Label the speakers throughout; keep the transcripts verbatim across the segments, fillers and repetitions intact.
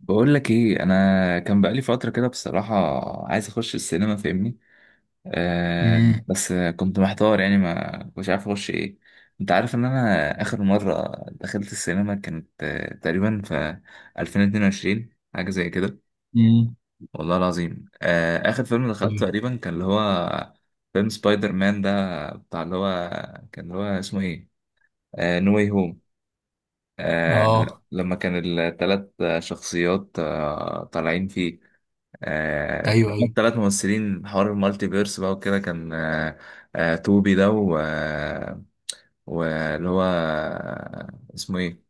Speaker 1: بقول لك ايه، انا كان بقالي فتره كده بصراحه عايز اخش السينما، فاهمني؟ آه
Speaker 2: امم.
Speaker 1: بس كنت محتار، يعني ما مش عارف اخش ايه. انت عارف ان انا اخر مره دخلت السينما كانت آه تقريبا في ألفين واتنين وعشرين، حاجه زي كده.
Speaker 2: امم.
Speaker 1: والله العظيم آه اخر فيلم دخلته
Speaker 2: أمم.
Speaker 1: تقريبا كان اللي هو فيلم سبايدر مان ده، بتاع اللي هو، كان اللي هو اسمه ايه، آه نو واي هوم. آه
Speaker 2: اه.
Speaker 1: لما كان الثلاث شخصيات آه طالعين فيه، آه،
Speaker 2: ايوه ايوه.
Speaker 1: ثلاث ممثلين، حوار المالتي فيرس بقى وكده، كان آه، آه، توبي ده و آه، واللي هو آه، اسمه ايه،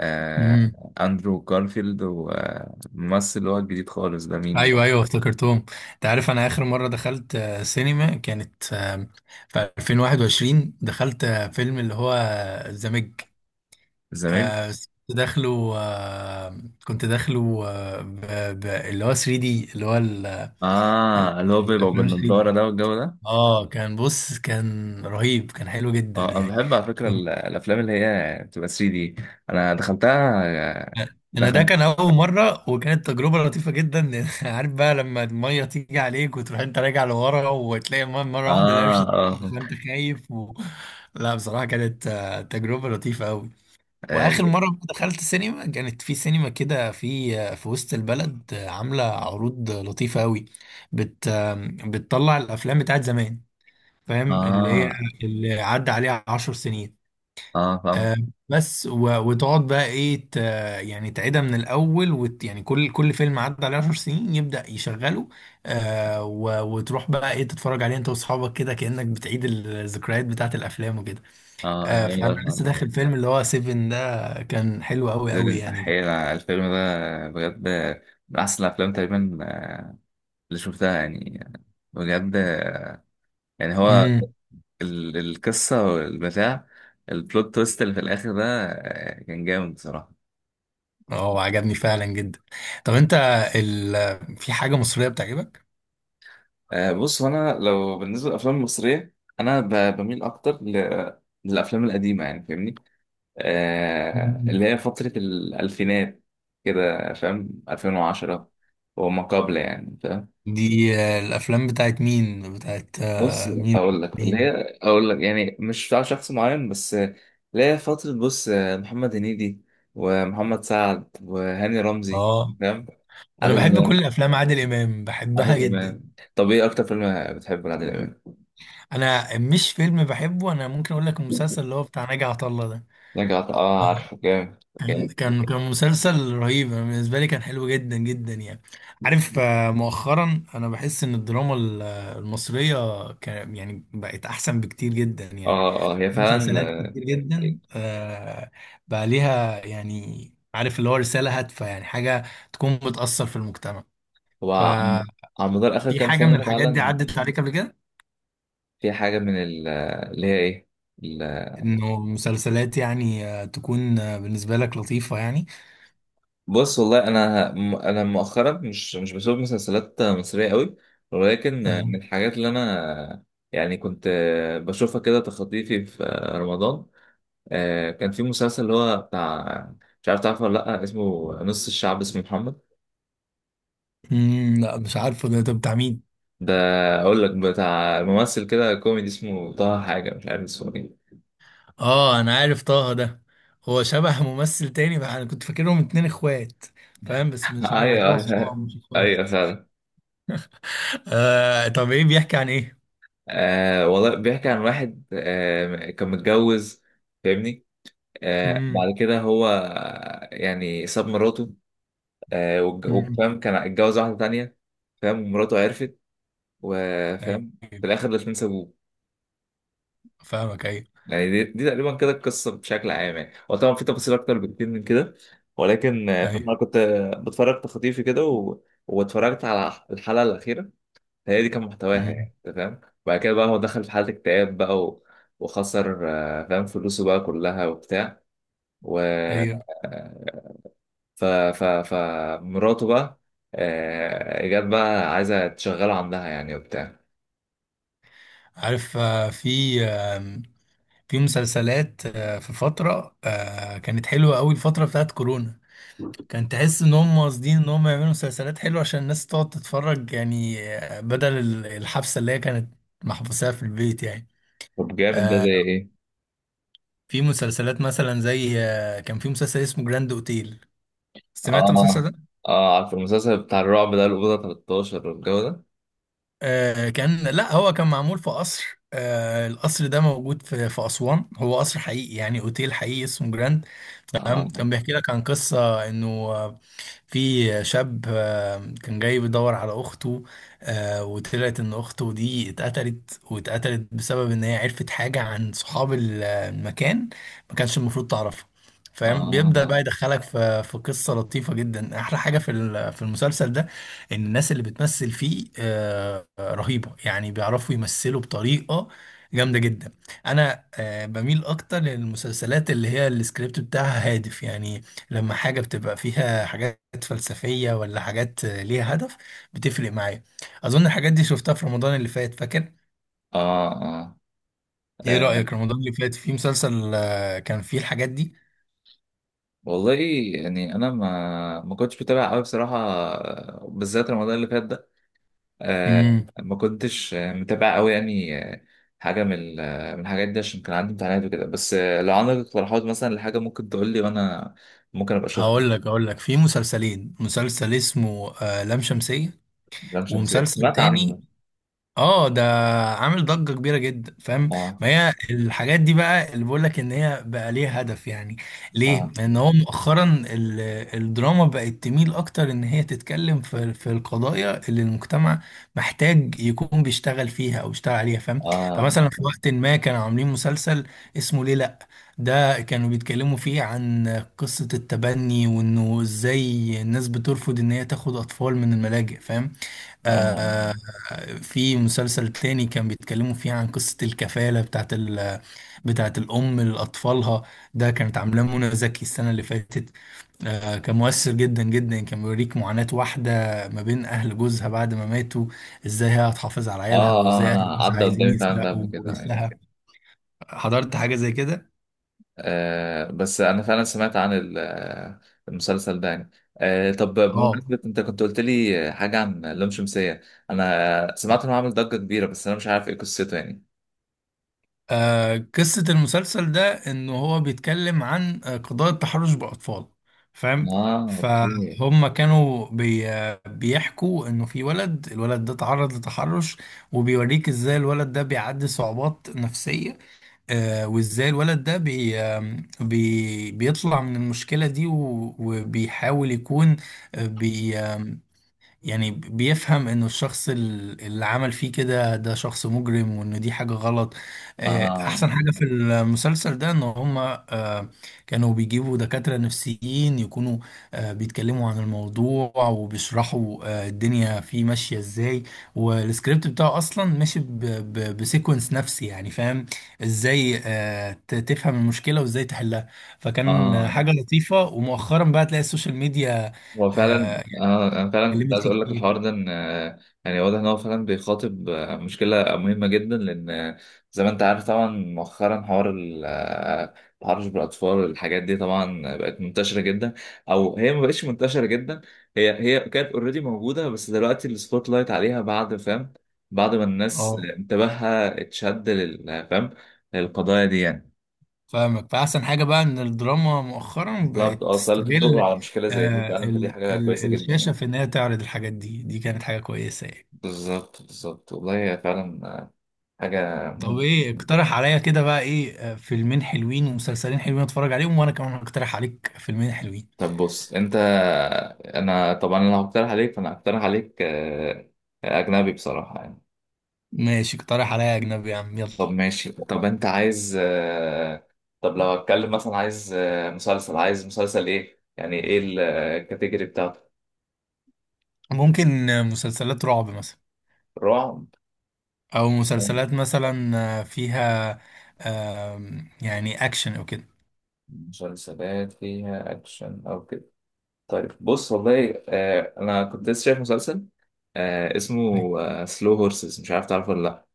Speaker 1: آه،
Speaker 2: امم.
Speaker 1: اندرو جارفيلد، والممثل اللي هو الجديد خالص ده
Speaker 2: ايوه
Speaker 1: مين؟
Speaker 2: ايوه افتكرتهم. انت عارف انا اخر مره دخلت آه، سينما، كانت آه، في ألفين وواحد وعشرين. دخلت آه، فيلم اللي هو الزمج.
Speaker 1: زمان.
Speaker 2: آه، كنت داخله آه، كنت داخله آه، ب- ب- اللي هو 3 دي. اللي هو ال- ال-
Speaker 1: اه، اللي هو بيبقى
Speaker 2: الافلام 3
Speaker 1: بالنضارة
Speaker 2: دي.
Speaker 1: ده والجو ده.
Speaker 2: اه، كان بص، كان رهيب، كان حلو جدا
Speaker 1: اه انا
Speaker 2: يعني.
Speaker 1: بحب على فكرة ال- الافلام اللي هي بتبقى تري دي، انا دخلتها آه،
Speaker 2: انا ده
Speaker 1: دخلت.
Speaker 2: كان اول مره، وكانت تجربه لطيفه جدا. عارف بقى لما الميه تيجي عليك وتروح، انت راجع لورا وتلاقي الميه مره واحده،
Speaker 1: اه،
Speaker 2: القرش طلعك
Speaker 1: اه،
Speaker 2: فانت خايف و... لا، بصراحه كانت آه، تجربه لطيفه قوي.
Speaker 1: اه،
Speaker 2: واخر مره دخلت سينما، كانت في سينما كده، في آه، في وسط البلد، آه، عامله عروض لطيفه قوي. بت آه، بتطلع الافلام بتاعت زمان، فاهم اللي هي،
Speaker 1: اه،
Speaker 2: اللي عدى عليها عشر سنين.
Speaker 1: آه، فاهم.
Speaker 2: آه، بس و- وتقعد بقى ايه ت- يعني تعيدها من الاول، وت يعني كل كل فيلم عدى عليه 10 سنين يبدأ يشغله. آه و- وتروح بقى ايه تتفرج عليه انت واصحابك كده، كأنك بتعيد الذكريات بتاعت الافلام وكده.
Speaker 1: اه جامد
Speaker 2: آه
Speaker 1: أوي
Speaker 2: فانا
Speaker 1: الحوار
Speaker 2: لسه
Speaker 1: ده.
Speaker 2: داخل فيلم اللي هو سيفن ده. كان حلو قوي قوي
Speaker 1: ديدن
Speaker 2: يعني.
Speaker 1: أحيانا الفيلم ده بجد من أحسن الأفلام تقريبا، آه، اللي شفتها يعني بجد. يعني هو
Speaker 2: امم.
Speaker 1: ال- القصة والبتاع، البلوت تويست اللي في الآخر ده، آه، كان جامد بصراحة.
Speaker 2: اه، عجبني فعلا جدا. طب انت، ال في حاجة مصرية بتعجبك؟
Speaker 1: آه، بص، أنا لو بالنسبة للأفلام المصرية، أنا ب- بميل أكتر ل- للأفلام القديمة، يعني فاهمني، آه،
Speaker 2: مم.
Speaker 1: اللي هي فترة الألفينات كده، فاهم؟ ألفين وعشرة وما قبل يعني.
Speaker 2: دي آه، الافلام بتاعت مين، بتاعت
Speaker 1: بص،
Speaker 2: آه، مين؟
Speaker 1: اقول لك اللي هي،
Speaker 2: مين؟
Speaker 1: اقول لك يعني مش بتاع شخص معين، بس اللي هي فتره. بص، محمد هنيدي ومحمد سعد وهاني رمزي،
Speaker 2: اه،
Speaker 1: فاهم؟
Speaker 2: انا
Speaker 1: عادل
Speaker 2: بحب كل
Speaker 1: امام.
Speaker 2: افلام عادل امام، بحبها
Speaker 1: عادل
Speaker 2: جدا.
Speaker 1: امام، طب ايه اكتر فيلم بتحبه لعادل امام؟
Speaker 2: انا مش فيلم بحبه، انا ممكن اقول لك المسلسل اللي هو بتاع ناجي عطا الله ده.
Speaker 1: رجعت، اه عارفه. جامد.
Speaker 2: كان
Speaker 1: جامد.
Speaker 2: كان كان مسلسل رهيب. أنا بالنسبه لي كان حلو جدا جدا يعني. عارف، آه، مؤخرا انا بحس ان الدراما ال- آه، المصريه كان يعني بقت احسن بكتير جدا يعني.
Speaker 1: اه، اه، هي فعلا
Speaker 2: مسلسلات
Speaker 1: آه،
Speaker 2: كتير جدا آه، بقى ليها، يعني عارف اللي هو رساله هادفه، يعني حاجه تكون بتاثر في المجتمع.
Speaker 1: هو عن-،
Speaker 2: ففي
Speaker 1: على مدار اخر كام
Speaker 2: حاجه من
Speaker 1: سنه
Speaker 2: الحاجات دي
Speaker 1: فعلا.
Speaker 2: عدت عليك قبل كده؟
Speaker 1: في حاجه من ال- اللي هي ايه؟
Speaker 2: انه مسلسلات يعني آه، تكون آه، بالنسبة لك لطيفة يعني.
Speaker 1: بص والله انا م- انا مؤخرا مش مش بشوف مسلسلات مصريه قوي، ولكن
Speaker 2: آه،
Speaker 1: من الحاجات اللي انا يعني كنت بشوفها كده تخطيفي في رمضان، آه، كان في مسلسل اللي هو بتاع، مش عارف تعرفه ولا لا، اسمه نص الشعب اسمه محمد
Speaker 2: مم، لا، مش عارفه. ده ده بتاع مين؟
Speaker 1: ده. اقول لك بتاع ممثل كده كوميدي اسمه طه، حاجه مش عارف اسمه ايه.
Speaker 2: اه، انا عارف طه ده. هو شبه ممثل تاني بقى، انا كنت فاكرهم اتنين اخوات، فاهم. بس مش عارف
Speaker 1: ايوه
Speaker 2: هتلاقوا صحاب
Speaker 1: ايوه،
Speaker 2: مش
Speaker 1: أيوة
Speaker 2: اخوات.
Speaker 1: فعلا.
Speaker 2: آه طب ايه بيحكي عن ايه؟
Speaker 1: آه والله بيحكي عن واحد آه كان متجوز، فاهمني؟ آه
Speaker 2: امم.
Speaker 1: بعد كده هو يعني ساب مراته آه والج-
Speaker 2: امم.
Speaker 1: وفاهم كان اتجوز واحدة تانية، فاهم؟ ومراته عرفت،
Speaker 2: ايوه.
Speaker 1: وفاهم، في الآخر الاتنين سابوه.
Speaker 2: فاهمك، ايوه.
Speaker 1: يعني دي, دي تقريبا كده القصة بشكل عام يعني، هو طبعا في تفاصيل أكتر بكتير من كده، ولكن آه،
Speaker 2: ايوه.
Speaker 1: فاهم أنا كنت آه، بتفرج تخطيفي كده و... واتفرجت على الحلقة الأخيرة، هي دي كان محتواها
Speaker 2: مم.
Speaker 1: يعني، أنت فاهم. وبعد كده بقى هو دخل في حالة اكتئاب بقى و... وخسر آه، فاهم فلوسه بقى كلها وبتاع، و
Speaker 2: ايوه.
Speaker 1: ف ف فمراته بقى آه، جت بقى عايزة تشغله عندها يعني وبتاع.
Speaker 2: عارف، آه، في آم، في مسلسلات آه، في فترة آه، كانت حلوة قوي، الفترة بتاعت كورونا. كان تحس ان هم قاصدين ان هم يعملوا مسلسلات حلوه عشان الناس تقعد تتفرج يعني، آه، بدل ال- الحبسه اللي هي كانت محبوساها في البيت يعني.
Speaker 1: طب جامد، ده
Speaker 2: آه،
Speaker 1: زي ايه؟
Speaker 2: في مسلسلات مثلا زي آه، كان في مسلسل اسمه جراند اوتيل، سمعت
Speaker 1: اه،
Speaker 2: المسلسل ده؟
Speaker 1: اه عارف المسلسل بتاع الرعب ده، الأوضة تلتاشر والجو ده؟
Speaker 2: آه، كان، لا هو كان معمول في قصر، آه، القصر ده موجود في في اسوان، هو قصر حقيقي يعني، اوتيل حقيقي اسمه جراند. تمام.
Speaker 1: اه،
Speaker 2: كان بيحكي لك عن قصه انه في شاب آه، كان جاي بيدور على اخته. آه، وطلعت ان اخته دي اتقتلت، واتقتلت بسبب ان هي عرفت حاجة عن صحاب ال- المكان ما كانش المفروض تعرفها، فاهم. بيبدأ
Speaker 1: اه،
Speaker 2: بقى يدخلك في في قصة لطيفة جدا. احلى حاجة في ال- في المسلسل ده ان الناس اللي بتمثل فيه آه، رهيبة يعني، بيعرفوا يمثلوا بطريقة جامدة جدا. انا آه، بميل اكتر للمسلسلات اللي هي السكريبت بتاعها هادف يعني. لما حاجة بتبقى فيها حاجات حاجات فلسفية، ولا حاجات ليها هدف، بتفرق معايا. أظن الحاجات دي شفتها في رمضان اللي فات، فاكر؟
Speaker 1: اه، اه،
Speaker 2: إيه
Speaker 1: آه،
Speaker 2: رأيك رمضان اللي فات، في مسلسل آه، كان فيه الحاجات دي؟
Speaker 1: والله يعني انا ما ما كنتش بتابع قوي بصراحه، آه، بالذات رمضان اللي فات ده، آه،
Speaker 2: امم.
Speaker 1: ما كنتش آه، متابع قوي يعني آه، حاجه من ال- آه، من الحاجات دي، عشان كان عندي امتحانات وكده. بس آه، لو عندك اقتراحات مثلا لحاجه ممكن تقول لي، وانا ممكن ابقى اشوف.
Speaker 2: هقول لك هقول لك في مسلسلين. مسلسل اسمه آه، لام شمسية،
Speaker 1: لام شمسية،
Speaker 2: ومسلسل
Speaker 1: سمعت
Speaker 2: تاني.
Speaker 1: عنه.
Speaker 2: اه ده عامل ضجة كبيرة جدا، فاهم.
Speaker 1: اه،
Speaker 2: ما هي الحاجات دي بقى اللي بقول لك ان هي بقى ليها هدف يعني. ليه؟
Speaker 1: اه،
Speaker 2: لان هو مؤخرا ال- الدراما بقت تميل اكتر ان هي تتكلم في في القضايا اللي المجتمع محتاج يكون بيشتغل فيها او بيشتغل عليها، فاهم.
Speaker 1: اه، اه،
Speaker 2: فمثلا في وقت
Speaker 1: اه،
Speaker 2: ما كانوا عاملين مسلسل اسمه ليه لا. ده كانوا بيتكلموا فيه عن قصة التبني، وانه ازاي الناس بترفض ان هي تاخد اطفال من الملاجئ، فاهم.
Speaker 1: اه،
Speaker 2: آه. في مسلسل تاني كان بيتكلموا فيه عن قصة الكفالة، بتاعت ال بتاعت الأم لأطفالها. ده كانت عاملاه منى زكي السنة اللي فاتت. آه كان مؤثر جدا جدا، كان بيوريك معاناة واحدة ما بين أهل جوزها بعد ما ماتوا، إزاي هي هتحافظ على عيالها،
Speaker 1: آه، آه،
Speaker 2: وإزاي
Speaker 1: انا
Speaker 2: أهل جوزها
Speaker 1: عدى
Speaker 2: عايزين
Speaker 1: قدامي فعلا ده
Speaker 2: يسرقوا
Speaker 1: قبل كده
Speaker 2: جوزها.
Speaker 1: يعني.
Speaker 2: حضرت حاجة زي كده؟
Speaker 1: آه بس انا فعلا سمعت عن ال- آه، المسلسل ده يعني. آه طب
Speaker 2: اه.
Speaker 1: بمناسبة، انت كنت قلت لي حاجة عن لام شمسية، انا سمعت انه عامل ضجة كبيرة، بس انا مش عارف ايه قصته يعني.
Speaker 2: آه، قصة المسلسل ده إن هو بيتكلم عن آه، قضايا التحرش بأطفال، فاهم.
Speaker 1: اه اوكي.
Speaker 2: فهم كانوا بي آه، بيحكوا إنه في ولد، الولد ده تعرض لتحرش، وبيوريك إزاي الولد ده بيعدي صعوبات نفسية. آه، وإزاي الولد ده بي آه، بي بيطلع من المشكلة دي، و- وبيحاول يكون آه، بي آه، يعني بيفهم انه الشخص ال- اللي عمل فيه كده ده شخص مجرم، وان دي حاجة غلط. آه،
Speaker 1: اه،
Speaker 2: احسن حاجة في المسلسل ده ان هما آه، كانوا بيجيبوا دكاترة نفسيين يكونوا آه، بيتكلموا عن الموضوع، وبيشرحوا آه، الدنيا فيه ماشية ازاي. والسكريبت بتاعه اصلا ماشي ب- ب- بسيكونس نفسي يعني، فاهم. ازاي آه، ت- تفهم المشكلة، وازاي تحلها. فكان آه،
Speaker 1: اه،
Speaker 2: حاجة لطيفة. ومؤخرا بقى تلاقي السوشيال ميديا
Speaker 1: هو فعلا.
Speaker 2: آه،
Speaker 1: آه انا فعلا كنت
Speaker 2: اتكلمت
Speaker 1: عايز
Speaker 2: فيه
Speaker 1: اقول لك
Speaker 2: كتير.
Speaker 1: الحوار ده، ان آه، يعني واضح ان هو فعلا بيخاطب آه، مشكله مهمه جدا، لان آه، زي ما انت عارف طبعا، مؤخرا حوار ال- آه، التحرش بالاطفال، الحاجات دي طبعا بقت منتشره جدا، او هي ما بقتش منتشره جدا، هي هي كانت اوريدي موجوده، بس دلوقتي السبوت لايت عليها بعد، فاهم؟ بعد ما الناس
Speaker 2: اه،
Speaker 1: انتباهها اتشد لل- فاهم للقضايا دي يعني.
Speaker 2: فاهمك. فأحسن حاجة بقى إن الدراما مؤخرا بقت
Speaker 1: بالظبط، اه، اصل انت بتدور
Speaker 2: تستغل
Speaker 1: على مشكله زي دي
Speaker 2: آه
Speaker 1: فعلا، فدي
Speaker 2: ال
Speaker 1: حاجه كويسه
Speaker 2: ال
Speaker 1: جدا
Speaker 2: الشاشة
Speaker 1: يعني.
Speaker 2: في إنها تعرض الحاجات دي. دي كانت حاجة كويسة يعني.
Speaker 1: بالظبط بالظبط، والله هي فعلا حاجه
Speaker 2: طب
Speaker 1: مهمه
Speaker 2: إيه،
Speaker 1: جدا.
Speaker 2: اقترح عليا كده بقى إيه، آه، فيلمين حلوين ومسلسلين حلوين أتفرج عليهم، وأنا كمان هقترح عليك فيلمين حلوين.
Speaker 1: طب بص انت، انا طبعا انا هقترح عليك، فانا هقترح عليك آه، اجنبي بصراحه يعني.
Speaker 2: ماشي، اقترح عليا أجنبي يا عم، يلا.
Speaker 1: طب ماشي، طب انت عايز آه، طب لو هتكلم مثلا، عايز آه، مسلسل، عايز مسلسل ايه يعني، ايه الكاتيجوري بتاعته؟
Speaker 2: ممكن آه، مسلسلات رعب مثلا،
Speaker 1: رعب.
Speaker 2: أو مسلسلات مثلا آه، فيها آه يعني أكشن أو كده.
Speaker 1: مسلسلات فيها اكشن او كده. طيب بص والله، آه انا كنت لسه شايف مسلسل آه اسمه سلو هورسز، مش عارف تعرفه ولا لا.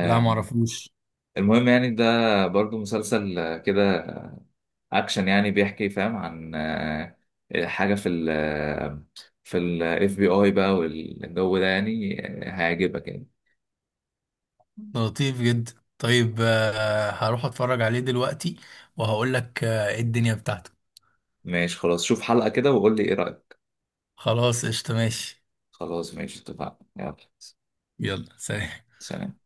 Speaker 2: لا، معرفوش.
Speaker 1: المهم يعني ده برضو مسلسل آه، كده اكشن يعني، بيحكي فاهم عن آه حاجه في ال آه، في الاف بي اي بقى والجو ده يعني، آه، هيعجبك يعني.
Speaker 2: لطيف جدا. طيب، آه، هروح اتفرج عليه دلوقتي، وهقول لك آه، ايه الدنيا بتاعته.
Speaker 1: ماشي خلاص، شوف حلقه كده وقول لي ايه رايك.
Speaker 2: خلاص، قشطة، ماشي.
Speaker 1: خلاص ماشي، اتفقنا. يلا
Speaker 2: يلا، سلام.
Speaker 1: سلام.